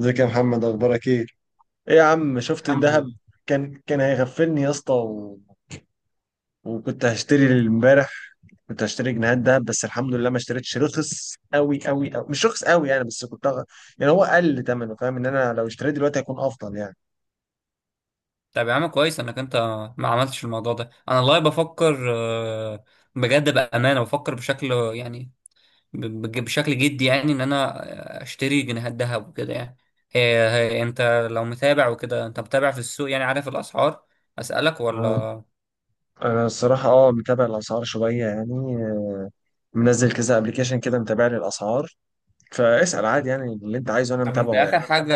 ازيك يا محمد، اخبارك ايه؟ ايه يا عم، شفت الحمد الذهب؟ لله. كان هيغفلني يا اسطى، وكنت هشتري امبارح، كنت هشتري جنيهات ذهب. بس الحمد لله ما اشتريتش. رخص قوي قوي قوي، مش رخص قوي يعني، بس كنت يعني هو قل ثمنه. فاهم ان انا لو اشتريت دلوقتي هيكون افضل يعني. طب يا عم كويس انك انت ما عملتش الموضوع ده، انا والله بفكر بجد بامانه بفكر بشكل، يعني بشكل جدي، يعني ان انا اشتري جنيهات ذهب وكده. يعني هي انت لو متابع وكده، انت متابع في السوق، يعني عارف الاسعار، اسالك آه، ولا؟ انا الصراحه متابع الاسعار شويه يعني. منزل كذا ابلكيشن كده، متابع لي الاسعار، فاسال عادي يعني، اللي انت عايزه انا طب انت متابعه اخر يعني. حاجه،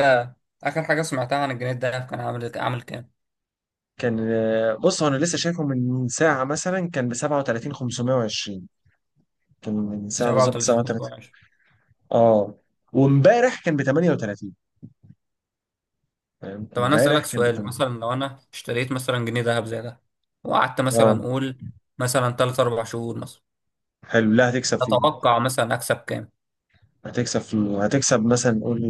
اخر حاجه سمعتها عن الجنيه الذهب، كان عامل كام؟ كان بص هو انا لسه شايفه من ساعه، مثلا كان ب 37 520، كان من ساعة بالظبط 37 ساعة 3. 520؟ اه، وامبارح كان ب 38، فاهم؟ طب انا امبارح اسالك كان ب سؤال، 8. مثلا لو انا اشتريت مثلا جنيه ذهب زي ده، وقعدت اه، مثلا اقول مثلا 3 4 شهور مثلا، حلو. لا، اتوقع مثلا اكسب كام؟ هتكسب مثلا، قول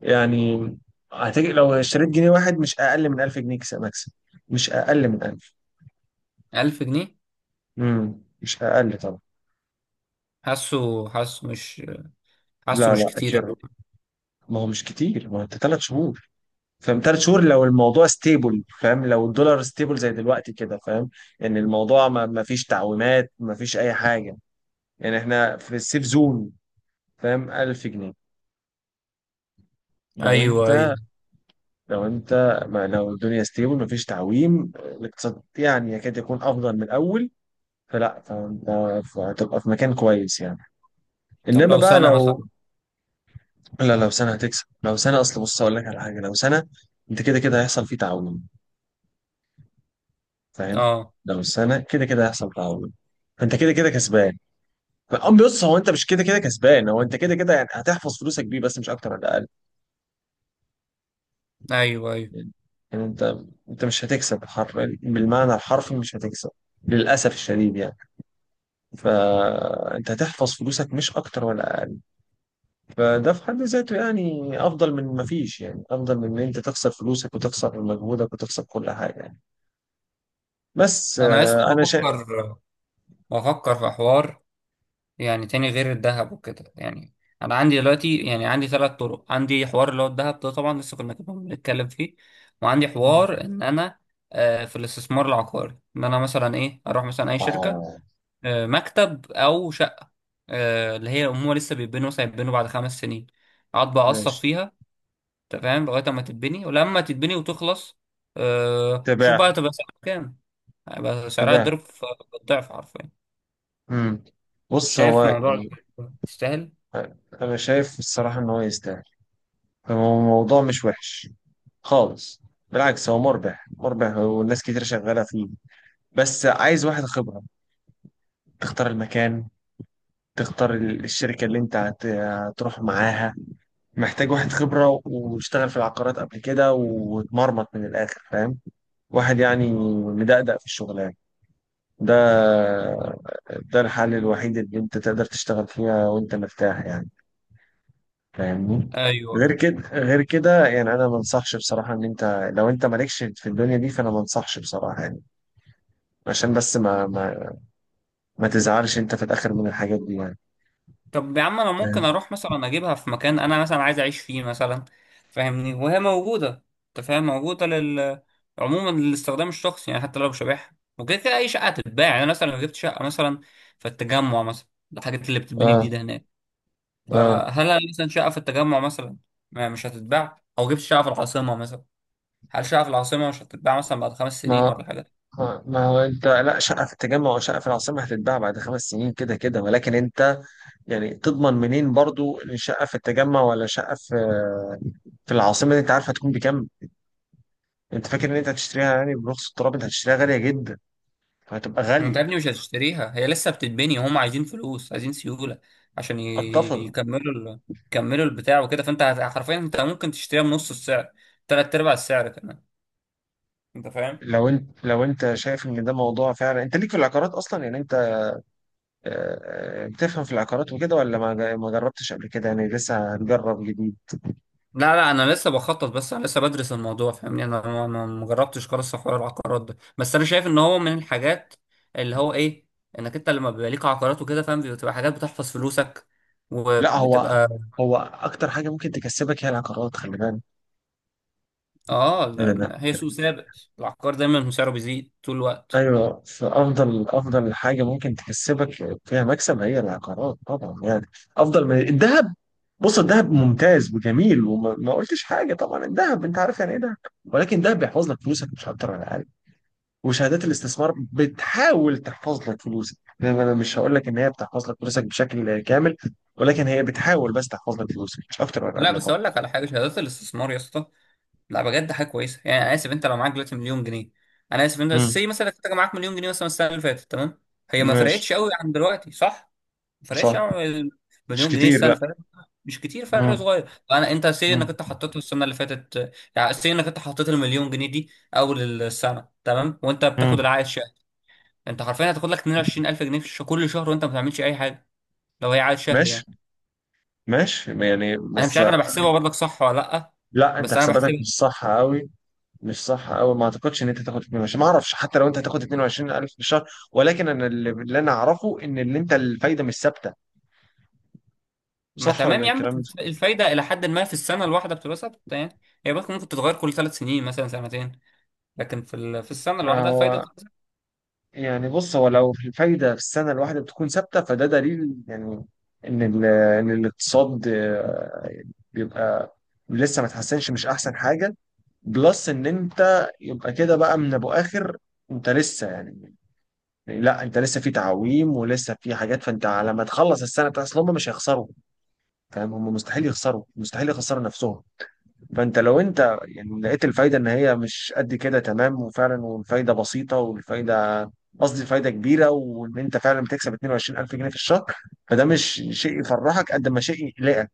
يعني. لو اشتريت جنيه واحد مش اقل من 1000 جنيه مكسب. مش اقل من 1000. 1000 جنيه؟ مش اقل طبعا. حاسه، حاسه لا مش لا، كتير أوي. اكيوريت. ما هو مش كتير، ما هو انت 3 شهور، فاهم؟ 3 شهور لو الموضوع ستيبل، فاهم؟ لو الدولار ستيبل زي دلوقتي كده، فاهم؟ ان الموضوع ما فيش تعويمات، ما فيش اي حاجه، يعني احنا في السيف زون، فاهم؟ 1000 جنيه. لو ايوه، ايوه. انت لو انت ما لو الدنيا ستيبل مفيش تعويم، الاقتصاد يعني يكاد يكون افضل من الاول، فلا، فانت هتبقى في مكان كويس يعني. طب انما لو بقى سنه مثلا؟ لو... لا، لو سنه هتكسب. لو سنه، اصل بص اقول لك على حاجه، لو سنه انت كده كده هيحصل فيه تعويم، فاهم؟ اه، لو سنه كده كده هيحصل تعويم، فانت كده كده كسبان. بص، هو انت مش كده كده كسبان، هو انت كده كده يعني هتحفظ فلوسك بيه، بس مش اكتر ولا اقل ايوه، ايوه. يعني. انت انت مش هتكسب بالمعنى الحرفي مش هتكسب، للاسف الشديد يعني. فانت هتحفظ فلوسك مش اكتر ولا اقل. فده في حد ذاته يعني افضل من ما فيش، يعني افضل من ان انت تخسر فلوسك وتخسر مجهودك وتخسر كل حاجه يعني. بس انا لسه انا بفكر، شايف. بفكر في حوار، يعني تاني غير الذهب وكده. يعني انا عندي دلوقتي، يعني عندي ثلاث طرق، عندي حوار اللي هو الذهب ده، طبعا لسه كنا بنتكلم فيه. وعندي حوار ان انا في الاستثمار العقاري، ان انا مثلا ايه، اروح مثلا اي شركة، اه، مكتب او شقة، اللي هي هم لسه بيتبنوا، مثلا هيتبنوا بعد خمس سنين، اقعد بقى اقسط ماشي. فيها. انت فاهم؟ لغاية اما تتبني، ولما تتبني وتخلص شوف بقى تباع. تبقى سعرها كام. هيبقى سعرها تباع. ضرب في الضعف حرفيا. امم بص، هو شايف موضوع يعني تستاهل؟ انا شايف الصراحه ان هو يستاهل، هو الموضوع مش وحش خالص، بالعكس، هو مربح مربح، والناس كتير شغالة فيه. بس عايز واحد خبرة، تختار المكان، تختار الشركة اللي انت هتروح معاها. محتاج واحد خبرة واشتغل في العقارات قبل كده، واتمرمط من الآخر، فاهم؟ واحد يعني مدقدق في الشغلانة ده ده الحل الوحيد اللي انت تقدر تشتغل فيها وانت مرتاح يعني، فاهمني؟ ايوه، غير أيوة. كده، غير كده يعني انا ما انصحش بصراحة، ان انت لو انت مالكش في الدنيا دي، فانا ما انصحش بصراحة يعني، عشان بس ما تزعلش انت في الاخر من الحاجات دي يعني، طب يا عم، انا ممكن فاهم؟ اروح مثلا اجيبها في مكان انا مثلا عايز اعيش فيه مثلا، فاهمني؟ وهي موجوده، انت فاهم؟ موجوده لل- عموما للاستخدام الشخصي. يعني حتى لو مش هبيعها، وكده كده اي شقه هتتباع. يعني أنا مثلا لو جبت شقه مثلا في التجمع مثلا، الحاجات اللي بتتبني اه جديده هناك، اه. فهل أنا مثلا شقه في التجمع مثلا ما مش هتتباع؟ او جبت شقه في العاصمه مثلا، هل شقه في العاصمه مش هتتباع مثلا بعد خمس سنين ما ولا حاجه؟ ما هو انت، لا، شقه في التجمع وشقه في العاصمه هتتباع بعد 5 سنين كده كده، ولكن انت يعني تضمن منين برضو ان شقه في التجمع ولا شقه في العاصمه دي انت عارف هتكون بكام؟ انت فاكر ان انت هتشتريها يعني برخص التراب؟ انت هتشتريها غاليه جدا، فهتبقى ما انت يا غاليه. ابني مش هتشتريها، هي لسه بتتبني، هم عايزين فلوس، عايزين سيولة عشان ي- اتفق. يكملوا ال... يكملوا البتاع وكده. فانت هت- حرفيا انت ممكن تشتريها بنص السعر، تلات ارباع السعر كمان، انت فاهم؟ لو انت شايف ان ده موضوع فعلا انت ليك في العقارات اصلا، يعني انت بتفهم في العقارات وكده، ولا ما جربتش قبل كده يعني لسه هتجرب جديد؟ لا لا، انا لسه بخطط، بس انا لسه بدرس الموضوع، فاهمني؟ انا ما جربتش خالص حوار العقارات ده، بس انا شايف ان هو من الحاجات اللي هو ايه، انك انت لما بيبقى ليك عقارات وكده، فاهم، بتبقى حاجات بتحفظ فلوسك لا، هو وبتبقى. هو اكتر حاجه ممكن تكسبك هي العقارات، خلي بالك. اه، لا، لا. لأن هي سوق ثابت، العقار دايما سعره بيزيد طول الوقت. ايوه، فافضل حاجه ممكن تكسبك فيها مكسب هي العقارات طبعا يعني، افضل من الذهب. بص الذهب ممتاز وجميل، وما ما قلتش حاجه طبعا، الذهب انت عارف يعني ايه ده. ولكن ده بيحفظ لك فلوسك مش اكتر ولا اقل. وشهادات الاستثمار بتحاول تحفظ لك فلوسك يعني، انا مش هقول لك ان هي بتحفظ لك فلوسك بشكل كامل، ولكن هي بتحاول بس تحفظ لك فلوسك مش اكتر ولا لا، اقل بس اقول برضه. لك على حاجه، شهادات الاستثمار يا اسطى، لا بجد حاجه كويسه. يعني انا اسف، انت لو معاك دلوقتي مليون جنيه، انا اسف، انت مم. سي مثلا كنت معاك مليون جنيه مثلا السنه اللي فاتت، تمام؟ هي ما ماشي. فرقتش قوي عن دلوقتي، صح؟ ما فرقتش صح. قوي عن ال- مش مليون جنيه كتير، السنه اللي لا. فاتت، مش كتير فرق، مم. صغير. انا انت سي مم. انك انت حطيت السنه اللي فاتت، يعني سي انك انت حطيت المليون جنيه دي اول السنه، تمام؟ وانت بتاخد مم. العائد شهري، انت حرفيا هتاخد لك 22000 جنيه في الش- كل شهر، وانت ما بتعملش اي حاجه، لو هي عائد شهري ماشي، يعني. ماشي يعني، انا مش بس... عارف، انا بحسبها برضك صح ولا لا؟ لا، انت بس انا حساباتك بحسبها. مش صح قوي. مش صح قوي، ما اعتقدش ان انت تاخد 22، ما اعرفش حتى لو انت هتاخد 22000 في الشهر، ولكن انا اللي انا اعرفه ان اللي انت الفايده مش ثابته. ما صح ولا تمام يا عم. الكلام؟ الفايدة إلى حد ما في السنة الواحدة بتبقى ثابتة يعني، هي بس ممكن تتغير كل ثلاث سنين مثلا، سنتين، لكن في ال- في السنة ده الواحدة الفايدة هو بتبقى ثابتة. يعني، بص هو لو الفايدة في السنة الواحدة بتكون ثابتة، فده دليل يعني إن ال- إن الاقتصاد بيبقى لسه ما اتحسنش، مش أحسن حاجة. بلس إن أنت يبقى كده بقى من أبو آخر، أنت لسه يعني، لا، أنت لسه في تعويم ولسه في حاجات، فأنت على ما تخلص السنة بتاعت، أصل هم مش هيخسروا، فاهم؟ هم مستحيل يخسروا، مستحيل يخسروا نفسهم. فانت لو انت يعني لقيت الفايده ان هي مش قد كده تمام، وفعلا والفايده بسيطه، والفايده قصدي فايده كبيره، وان انت فعلا بتكسب 22000 جنيه في الشهر، فده مش شيء يفرحك قد ما شيء يقلقك،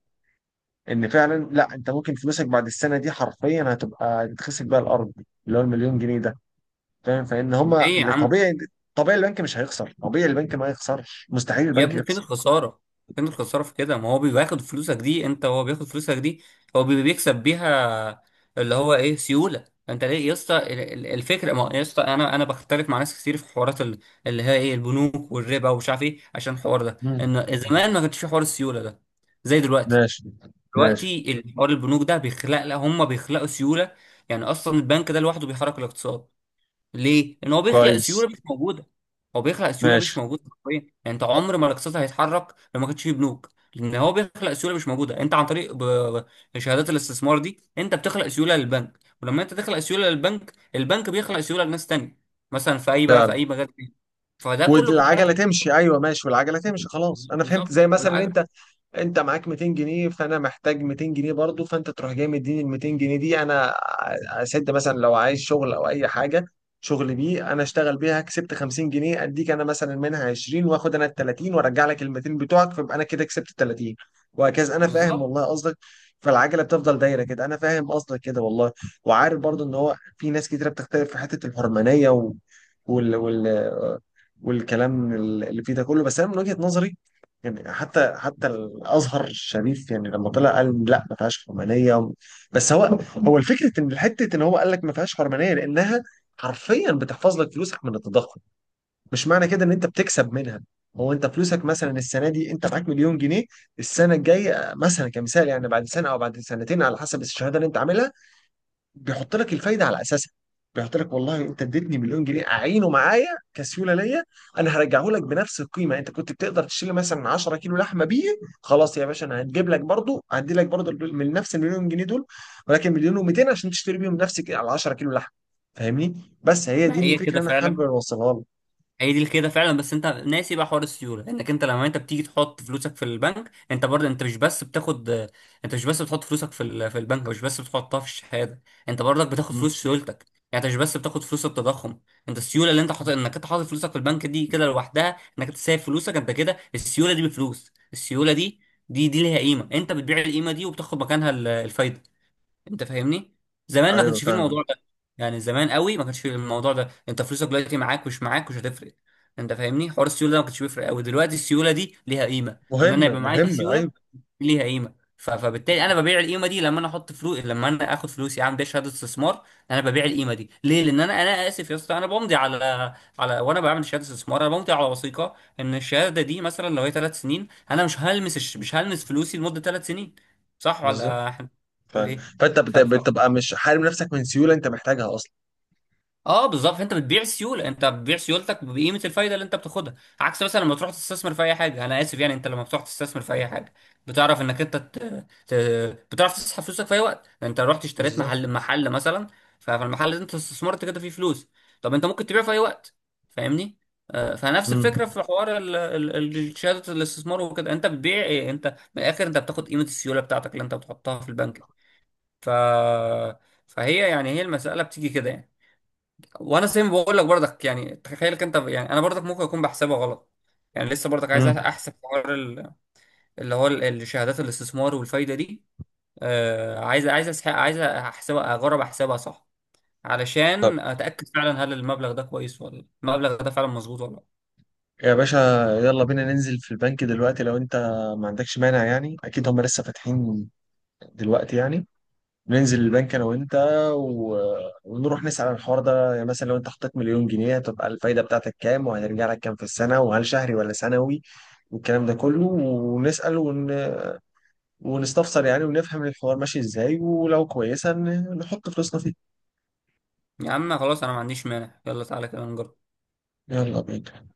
ان فعلا لا، انت ممكن فلوسك بعد السنه دي حرفيا هتبقى تتخسف بيها الارض، اللي هو المليون جنيه ده، فاهم؟ فان هما ليه يا اللي عم؟ طبيعي، طبيعي البنك مش هيخسر، طبيعي البنك ما يخسرش، مستحيل يا البنك ابني فين يخسر. الخسارة؟ فين الخسارة في كده؟ ما هو بياخد فلوسك دي، أنت هو بياخد فلوسك دي، هو بيكسب بيها، اللي هو إيه، سيولة. أنت ليه يا اسطى ال- ال- الفكرة، ما هو يا اسطى أنا بختلف مع ناس كتير في حوارات ال- اللي هي إيه، البنوك والربا ومش عارف إيه، عشان الحوار ده، مم. إن زمان ما كانش في حوار السيولة ده زي دلوقتي. ماشي. ماشي. دلوقتي الحوار البنوك ده بيخلق، لا هم بيخلقوا سيوله، يعني اصلا البنك ده لوحده بيحرك الاقتصاد. ليه؟ لان هو بيخلق سيوله كويس. مش موجوده، هو بيخلق سيوله ماشي. مش موجوده حرفيا. يعني انت عمر ما الاقتصاد هيتحرك لو ما كانش فيه بنوك، لان هو بيخلق سيوله مش موجوده. انت عن طريق شهادات الاستثمار دي، انت بتخلق سيوله للبنك، ولما انت تخلق سيوله للبنك، البنك بيخلق سيوله لناس تانية، مثلا في اي بقى، في اي مجال تاني، فده كله بيتحرك. والعجله تمشي، ايوه، ماشي والعجله تمشي. خلاص، انا فهمت. بالظبط، زي مثلا بالعجل، انت معاك 200 جنيه، فانا محتاج 200 جنيه برضو، فانت تروح جاي مديني ال 200 جنيه دي، انا اسد مثلا لو عايز شغل او اي حاجه، شغل بيه انا اشتغل بيها، كسبت 50 جنيه، اديك انا مثلا منها 20، واخد انا ال 30، وارجع لك ال 200 بتوعك، فيبقى انا كده كسبت ال 30، وهكذا. انا فاهم بالظبط. والله قصدك، فالعجله بتفضل دايره كده. انا فاهم قصدك كده والله. وعارف برضو ان هو في ناس كتيره بتختلف في حته الحرمانيه وال... وال... والكلام اللي فيه ده كله، بس انا من وجهه نظري يعني. حتى الازهر الشريف يعني لما طلع قال لا ما فيهاش حرمانيه. بس هو الفكره، ان حته ان هو قال لك ما فيهاش حرمانيه لانها حرفيا بتحفظ لك فلوسك من التضخم، مش معنى كده ان انت بتكسب منها. هو انت فلوسك مثلا السنه دي انت معاك مليون جنيه، السنه الجايه مثلا كمثال يعني، بعد سنه او بعد سنتين على حسب الشهاده اللي انت عاملها، بيحط لك الفايده على اساسها. بيحط لك والله انت اديتني مليون جنيه اعينه معايا كسيوله ليا، انا هرجعه لك بنفس القيمه. انت كنت بتقدر تشيل مثلا 10 كيلو لحمه بيه، خلاص يا باشا، انا هجيب لك برضو، هدي لك برضو من نفس المليون جنيه دول، ولكن مليون و200 عشان تشتري بيهم نفسك على 10 كيلو لحمه، فاهمني؟ بس هي ما دي هي الفكره اللي كده انا حابب فعلا، اوصلها لك. هي دي كده فعلا، بس انت ناسي بقى حوار السيوله، انك انت لما انت بتيجي تحط فلوسك في البنك، انت برضه انت مش بس بتاخد، انت مش بس بتحط فلوسك في ال- في البنك، مش بس بتحطها في الشهاده، انت برضك بتاخد مم. فلوس سيولتك. يعني انت مش بس بتاخد فلوس التضخم، انت السيوله اللي انت حاطط، انك انت حاطط فلوسك في البنك دي كده لوحدها، انك انت سايب فلوسك انت كده، السيوله دي، بفلوس السيوله دي، دي ليها قيمه. انت بتبيع القيمه دي وبتاخد مكانها ال- الفايده، انت فاهمني؟ زمان ما ايوه، كانش فيه فاهم. الموضوع ده، يعني زمان قوي ما كانش فيه الموضوع ده، انت فلوسك دلوقتي معاك مش معاك مش هتفرق، انت فاهمني؟ حوار السيوله ده ما كانش بيفرق قوي. دلوقتي السيوله دي ليها قيمه، ان انا مهمه يبقى معايا مهمه، سيوله ايوه. ليها قيمه، ف- فبالتالي مم. انا ببيع القيمه دي. لما انا احط فلوس، لما انا اخد فلوسي اعمل بيها شهاده استثمار، انا ببيع القيمه دي. ليه؟ لان انا، انا اسف يا اسطى، انا بمضي على، على وانا بعمل شهاده استثمار انا بمضي على وثيقه ان الشهاده دي، مثلا لو هي ثلاث سنين، انا مش هلمس الش- مش هلمس فلوسي لمده ثلاث سنين، صح بالظبط. ولا احنا بنقول فاهم، ايه؟ فانت ف- ف- بتبقى مش حارم نفسك من سيوله انت محتاجها اصلا. اه بالظبط، انت بتبيع سيوله، انت بتبيع سيولتك بقيمه الفايده اللي انت بتاخدها. عكس مثلا لما تروح تستثمر في اي حاجه، انا اسف يعني، انت لما بتروح تستثمر في اي حاجه، بتعرف انك ت... بتعرف تسحب فلوسك في اي وقت. يعني انت رحت اشتريت بالظبط. محل مثلا، فالمحل ده انت استثمرت كده فيه فلوس، طب انت ممكن تبيعه في اي وقت، فاهمني؟ فنفس مم. الفكره في حوار ال- شهاده الاستثمار وكده، انت بتبيع ايه انت، من الاخر انت بتاخد قيمه السيوله بتاعتك اللي انت بتحطها في البنك. ف... فهي يعني هي المساله بتيجي كده يعني. وانا زي ما بقول لك برضك، يعني تخيلك انت، يعني انا برضك ممكن اكون بحسبها غلط. يعني لسه برضك عايز مم. احسب حوار ال- اللي هو ال- الشهادات الاستثمار والفايده دي، آه عايز، عايز احسبها، اجرب احسبها صح، علشان اتاكد فعلا هل المبلغ ده كويس، ولا المبلغ ده فعلا مظبوط ولا لا. يا باشا، يلا بينا ننزل في البنك دلوقتي لو انت ما عندكش مانع يعني، اكيد هم لسه فاتحين دلوقتي يعني. ننزل البنك انا وانت، و... ونروح نسأل عن الحوار ده يعني، مثلا لو انت حطيت مليون جنيه هتبقى الفايدة بتاعتك كام، وهترجع لك كام في السنة، وهل شهري ولا سنوي، والكلام ده كله، ونسأل ونستفسر يعني، ونفهم الحوار ماشي ازاي، ولو كويسة نحط فلوسنا فيه. يا عم خلاص، انا ما عنديش مانع، يلا تعالى كده نجرب. يلا بينا.